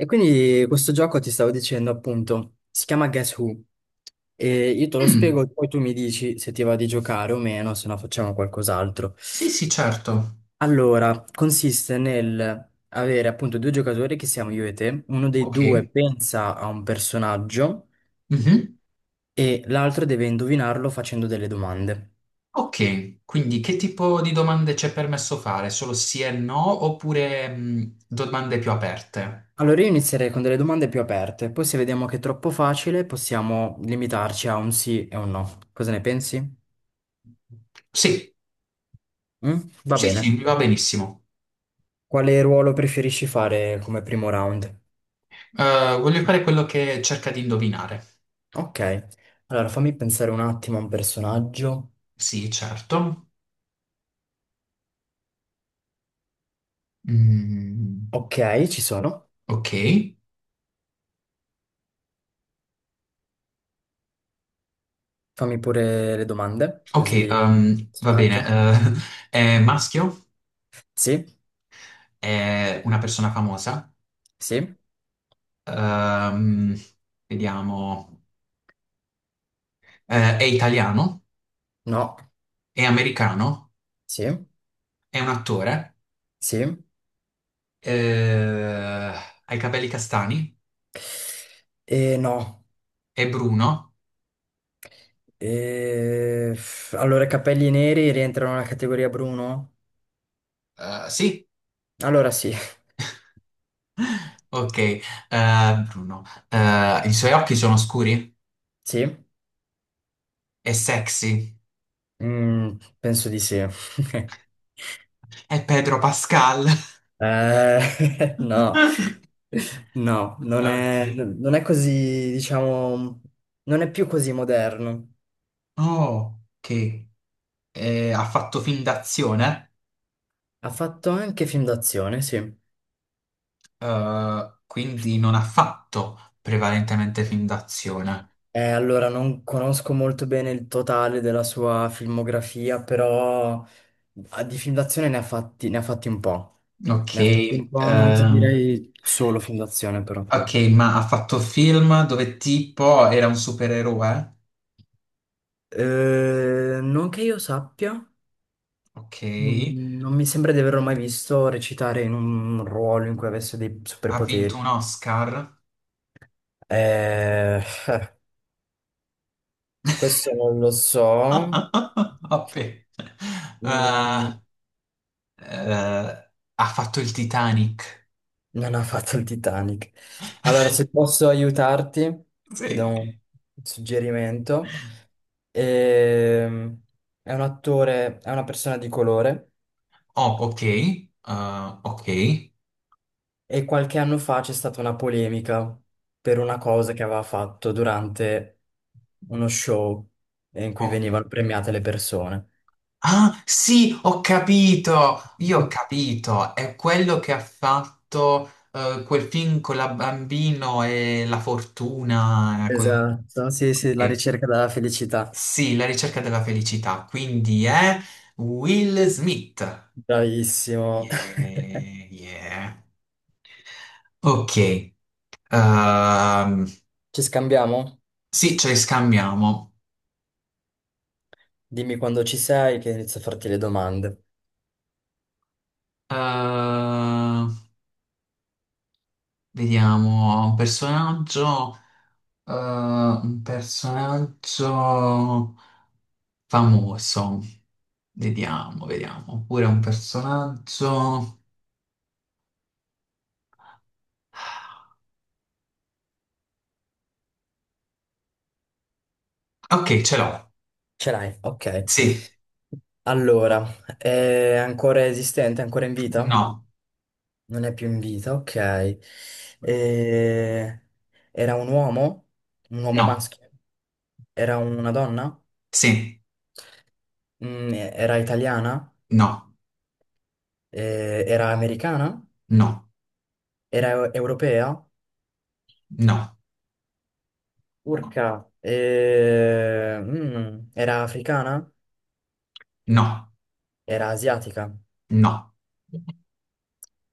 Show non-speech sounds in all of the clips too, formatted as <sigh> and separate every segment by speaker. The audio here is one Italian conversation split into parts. Speaker 1: E quindi questo gioco ti stavo dicendo appunto, si chiama Guess Who e io te lo
Speaker 2: Mm,
Speaker 1: spiego e poi tu mi dici se ti va di giocare o meno, se no facciamo qualcos'altro.
Speaker 2: sì, sì, certo.
Speaker 1: Allora, consiste nel avere appunto due giocatori che siamo io e te, uno dei due
Speaker 2: Ok.
Speaker 1: pensa a un personaggio
Speaker 2: Mhm.
Speaker 1: e l'altro deve indovinarlo facendo delle domande.
Speaker 2: Ok, quindi che tipo di domande c'è permesso fare? Solo sì e no oppure domande più aperte?
Speaker 1: Allora io inizierei con delle domande più aperte, poi se vediamo che è troppo facile possiamo limitarci a un sì e un no. Cosa ne pensi?
Speaker 2: Sì,
Speaker 1: Mm? Va
Speaker 2: sì, sì,
Speaker 1: bene.
Speaker 2: mi va benissimo.
Speaker 1: Quale ruolo preferisci fare come primo round?
Speaker 2: Voglio fare quello che cerca di indovinare.
Speaker 1: Ok, allora fammi pensare un attimo a un personaggio.
Speaker 2: Sì, certo. Mm,
Speaker 1: Ok, ci sono.
Speaker 2: ok,
Speaker 1: Fammi pure le domande,
Speaker 2: ok,
Speaker 1: così...
Speaker 2: va bene.
Speaker 1: Personaggio.
Speaker 2: <laughs> È
Speaker 1: Mhm.
Speaker 2: maschio?
Speaker 1: Sì,
Speaker 2: È una persona famosa?
Speaker 1: sì,
Speaker 2: Ehm, vediamo. È italiano?
Speaker 1: no,
Speaker 2: È americano,
Speaker 1: sì,
Speaker 2: è un attore,
Speaker 1: sì,
Speaker 2: eh, ha i capelli castani,
Speaker 1: e no.
Speaker 2: è Bruno.
Speaker 1: E... Allora, i capelli neri rientrano nella categoria Bruno?
Speaker 2: Sì,
Speaker 1: Allora sì, <laughs>
Speaker 2: ok, Bruno. I suoi occhi sono scuri,
Speaker 1: sì.
Speaker 2: è sexy,
Speaker 1: Mm, penso di sì. <laughs>
Speaker 2: è Pedro Pascal.
Speaker 1: <laughs> No,
Speaker 2: <laughs>
Speaker 1: no,
Speaker 2: Ok.
Speaker 1: non è così, diciamo, non è più così moderno.
Speaker 2: Oh, ok. Ha fatto film d'azione,
Speaker 1: Ha fatto anche film d'azione, sì.
Speaker 2: quindi non ha fatto prevalentemente film d'azione.
Speaker 1: Allora, non conosco molto bene il totale della sua filmografia, però ah, di film d'azione ne ha fatti un po'.
Speaker 2: Ok,
Speaker 1: Ne ha fatti un po', non ti direi solo film d'azione, però.
Speaker 2: Ok, ma ha fatto film dove tipo era un supereroe?
Speaker 1: Non che io sappia.
Speaker 2: Ok,
Speaker 1: Mm, non mi sembra di averlo mai visto recitare in un ruolo in cui avesse dei
Speaker 2: ha vinto
Speaker 1: superpoteri.
Speaker 2: un Oscar?
Speaker 1: Eh, <laughs> su questo non lo so.
Speaker 2: <laughs> Vabbè.
Speaker 1: Mm,
Speaker 2: Eh, ha fatto il Titanic?
Speaker 1: non ha fatto il Titanic. Allora, se posso aiutarti, ti do
Speaker 2: Sì.
Speaker 1: un suggerimento. Ehm, è un attore, è una persona di colore.
Speaker 2: Oh, ok, ok.
Speaker 1: E qualche anno fa c'è stata una polemica per una cosa che aveva fatto durante uno show in cui
Speaker 2: Oh.
Speaker 1: venivano premiate le persone.
Speaker 2: Ah, sì, ho capito! Io ho capito, è quello che ha fatto quel film con la bambino e la fortuna.
Speaker 1: Esatto, sì, sì, la
Speaker 2: Ok.
Speaker 1: ricerca della felicità.
Speaker 2: Sì, la ricerca della felicità, quindi è Will Smith.
Speaker 1: Bravissimo.
Speaker 2: Yeah,
Speaker 1: <laughs>
Speaker 2: yeah. Ok, ehm,
Speaker 1: Ci scambiamo?
Speaker 2: sì, ce li scambiamo.
Speaker 1: Dimmi quando ci sei che inizio a farti le domande.
Speaker 2: Ehm, vediamo, un personaggio famoso. Vediamo, vediamo, oppure un personaggio. Ok, ce l'ho.
Speaker 1: Ce l'hai? Ok.
Speaker 2: Sì,
Speaker 1: Allora, è ancora esistente, ancora in vita?
Speaker 2: no,
Speaker 1: Non è più in vita, ok. E- Era un uomo? Un uomo
Speaker 2: no,
Speaker 1: maschio? Era una donna?
Speaker 2: sì,
Speaker 1: Mm, era italiana?
Speaker 2: no,
Speaker 1: Era americana?
Speaker 2: no,
Speaker 1: Era europea?
Speaker 2: no.
Speaker 1: Urca. Era africana?
Speaker 2: No,
Speaker 1: Era asiatica?
Speaker 2: no,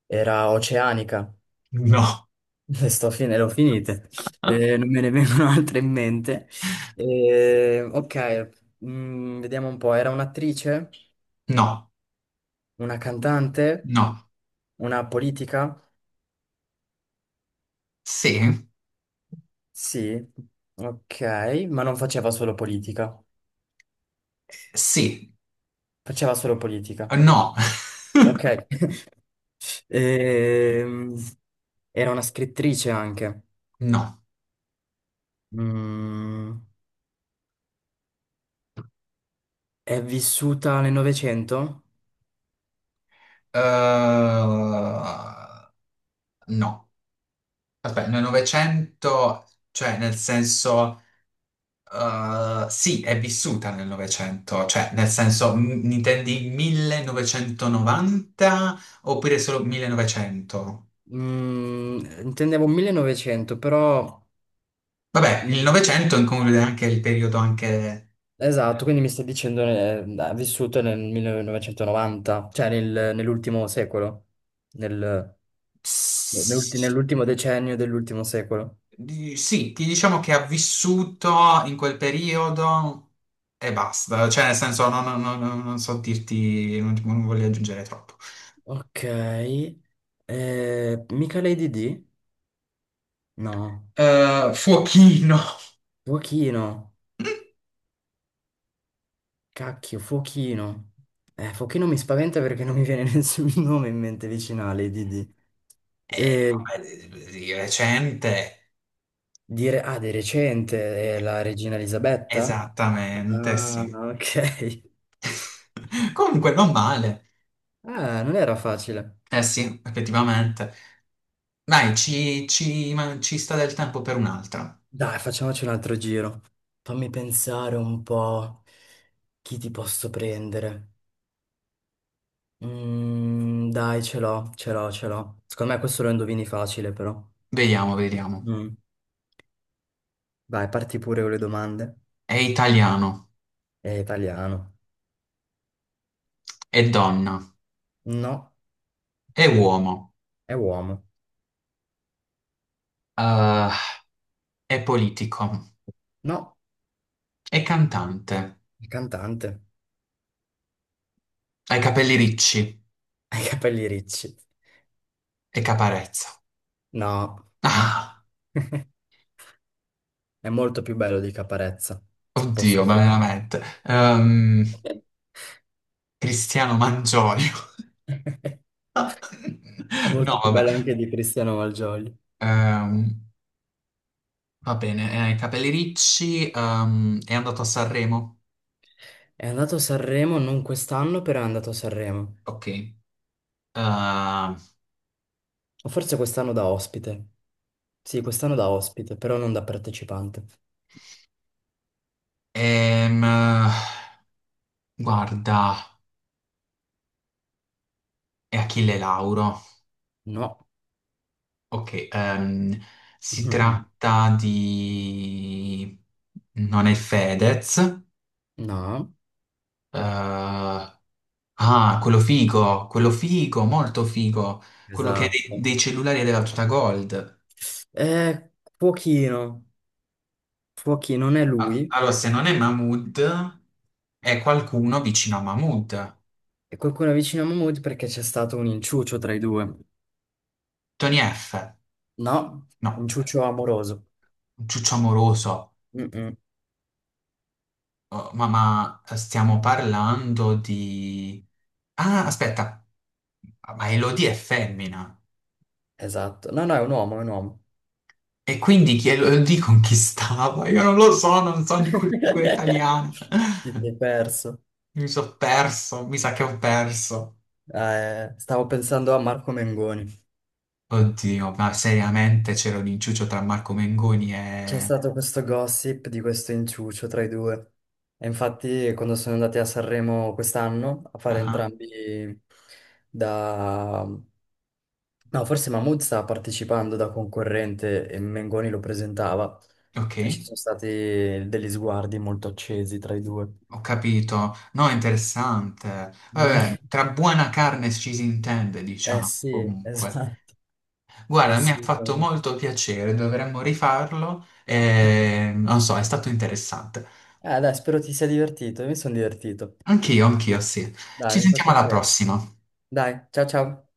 Speaker 1: Era oceanica?
Speaker 2: no,
Speaker 1: <laughs> Le ho finite. Non me ne vengono altre in mente. Ok, mm, vediamo un po'. Era un'attrice?
Speaker 2: no,
Speaker 1: Una cantante?
Speaker 2: no.
Speaker 1: Una politica?
Speaker 2: Sì,
Speaker 1: Sì, ok, ma non faceva solo politica.
Speaker 2: sì,
Speaker 1: Faceva solo politica.
Speaker 2: no, <laughs>
Speaker 1: Ok. <laughs> Ehm, era una scrittrice anche.
Speaker 2: no.
Speaker 1: Mm, è vissuta nel Novecento?
Speaker 2: Eh, no. Aspetta, nel Novecento, cioè nel senso, sì, è vissuta nel Novecento, cioè nel senso, intendi 1990 oppure solo 1900?
Speaker 1: Mm, intendevo 1900, però...
Speaker 2: Vabbè, il
Speaker 1: mm,
Speaker 2: Novecento include anche il periodo anche.
Speaker 1: esatto, quindi mi stai dicendo ha vissuto nel 1990, cioè nell'ultimo secolo, nel- nell'ultimo decennio dell'ultimo secolo.
Speaker 2: Sì, ti diciamo che ha vissuto in quel periodo e basta, cioè nel senso non, non so dirti, non voglio aggiungere troppo.
Speaker 1: Ok, mica Lady D? No,
Speaker 2: Fuochino,
Speaker 1: fuochino,
Speaker 2: <laughs>
Speaker 1: cacchio, fuochino. Fuochino mi spaventa perché non mi viene <laughs> nessun nome in mente vicino a Lady D.
Speaker 2: Eh,
Speaker 1: Eh,
Speaker 2: vabbè, di recente,
Speaker 1: di recente, la regina Elisabetta?
Speaker 2: esattamente,
Speaker 1: Ah, <laughs>
Speaker 2: sì.
Speaker 1: ok.
Speaker 2: <laughs> Comunque non male,
Speaker 1: Ah, non era facile.
Speaker 2: eh sì, effettivamente. Dai, ci sta del tempo per un'altra.
Speaker 1: Dai, facciamoci un altro giro. Fammi pensare un po' chi ti posso prendere. Mm, dai, ce l'ho. Secondo me questo lo indovini facile, però.
Speaker 2: Vediamo, vediamo.
Speaker 1: Mm. Vai, parti pure con le domande.
Speaker 2: È italiano,
Speaker 1: È italiano.
Speaker 2: è donna,
Speaker 1: No,
Speaker 2: è uomo,
Speaker 1: è uomo.
Speaker 2: eh, è politico.
Speaker 1: No,
Speaker 2: È cantante,
Speaker 1: è cantante.
Speaker 2: ha i capelli ricci
Speaker 1: <laughs> Ha i capelli ricci.
Speaker 2: e caparezza.
Speaker 1: No,
Speaker 2: Ah,
Speaker 1: è molto più bello di Caparezza, se posso
Speaker 2: oddio, ma
Speaker 1: permettermi.
Speaker 2: veramente. Cristiano Mangioio.
Speaker 1: <laughs> È
Speaker 2: <laughs> No,
Speaker 1: molto più
Speaker 2: vabbè.
Speaker 1: bello anche di Cristiano Malgioglio.
Speaker 2: Ehm, va bene, i capelli ricci, è andato a Sanremo.
Speaker 1: È andato a Sanremo non quest'anno, però è andato a Sanremo.
Speaker 2: Ok. Ehm,
Speaker 1: O forse quest'anno da ospite. Sì, quest'anno da ospite, però non da partecipante.
Speaker 2: ehm, guarda, è Achille Lauro.
Speaker 1: No.
Speaker 2: Ok, si
Speaker 1: <laughs>
Speaker 2: tratta di. Non è Fedez.
Speaker 1: No,
Speaker 2: Eh, Ah, quello figo, molto figo. Quello che è dei,
Speaker 1: esatto.
Speaker 2: dei cellulari della tuta Gold.
Speaker 1: È fuochino. Fuochino non è
Speaker 2: Ah,
Speaker 1: lui.
Speaker 2: allora, se non è Mahmood, è qualcuno vicino a Mahmood.
Speaker 1: E qualcuno vicino a Mahmood perché c'è stato un inciucio tra i due.
Speaker 2: Tony F.
Speaker 1: No,
Speaker 2: No,
Speaker 1: inciucio amoroso.
Speaker 2: Ciuccio Amoroso.
Speaker 1: Mm-mm.
Speaker 2: Oh, ma stiamo parlando di. Ah, aspetta. Ma Elodie è femmina.
Speaker 1: Esatto. No, no, è un uomo, è un uomo.
Speaker 2: E quindi chi Elodie conquistava? Io non lo so, non so di cultura italiana.
Speaker 1: <laughs> Ti sei perso.
Speaker 2: Mi sono perso, mi sa che ho perso.
Speaker 1: Stavo pensando a Marco Mengoni.
Speaker 2: Oddio, ma seriamente c'era un inciucio tra Marco Mengoni
Speaker 1: C'è
Speaker 2: e.
Speaker 1: stato questo gossip di questo inciucio tra i due. E infatti, quando sono andati a Sanremo quest'anno a fare
Speaker 2: Ah,
Speaker 1: entrambi da... No, forse Mahmood stava partecipando da concorrente e Mengoni lo presentava
Speaker 2: ah, ok,
Speaker 1: e ci sono stati degli sguardi molto accesi tra i due.
Speaker 2: ho capito. No, è interessante.
Speaker 1: Mm.
Speaker 2: Vabbè,
Speaker 1: <laughs>
Speaker 2: tra buona carne ci si intende,
Speaker 1: Eh
Speaker 2: diciamo,
Speaker 1: sì,
Speaker 2: comunque.
Speaker 1: esatto,
Speaker 2: Guarda, mi ha fatto
Speaker 1: assolutamente.
Speaker 2: molto piacere, dovremmo rifarlo. E, non so, è stato interessante.
Speaker 1: Dai, spero ti sia divertito, io mi sono divertito.
Speaker 2: Anch'io, anch'io, sì. Ci
Speaker 1: Dai, mi fa
Speaker 2: sentiamo alla
Speaker 1: piacere.
Speaker 2: prossima.
Speaker 1: Dai, ciao ciao.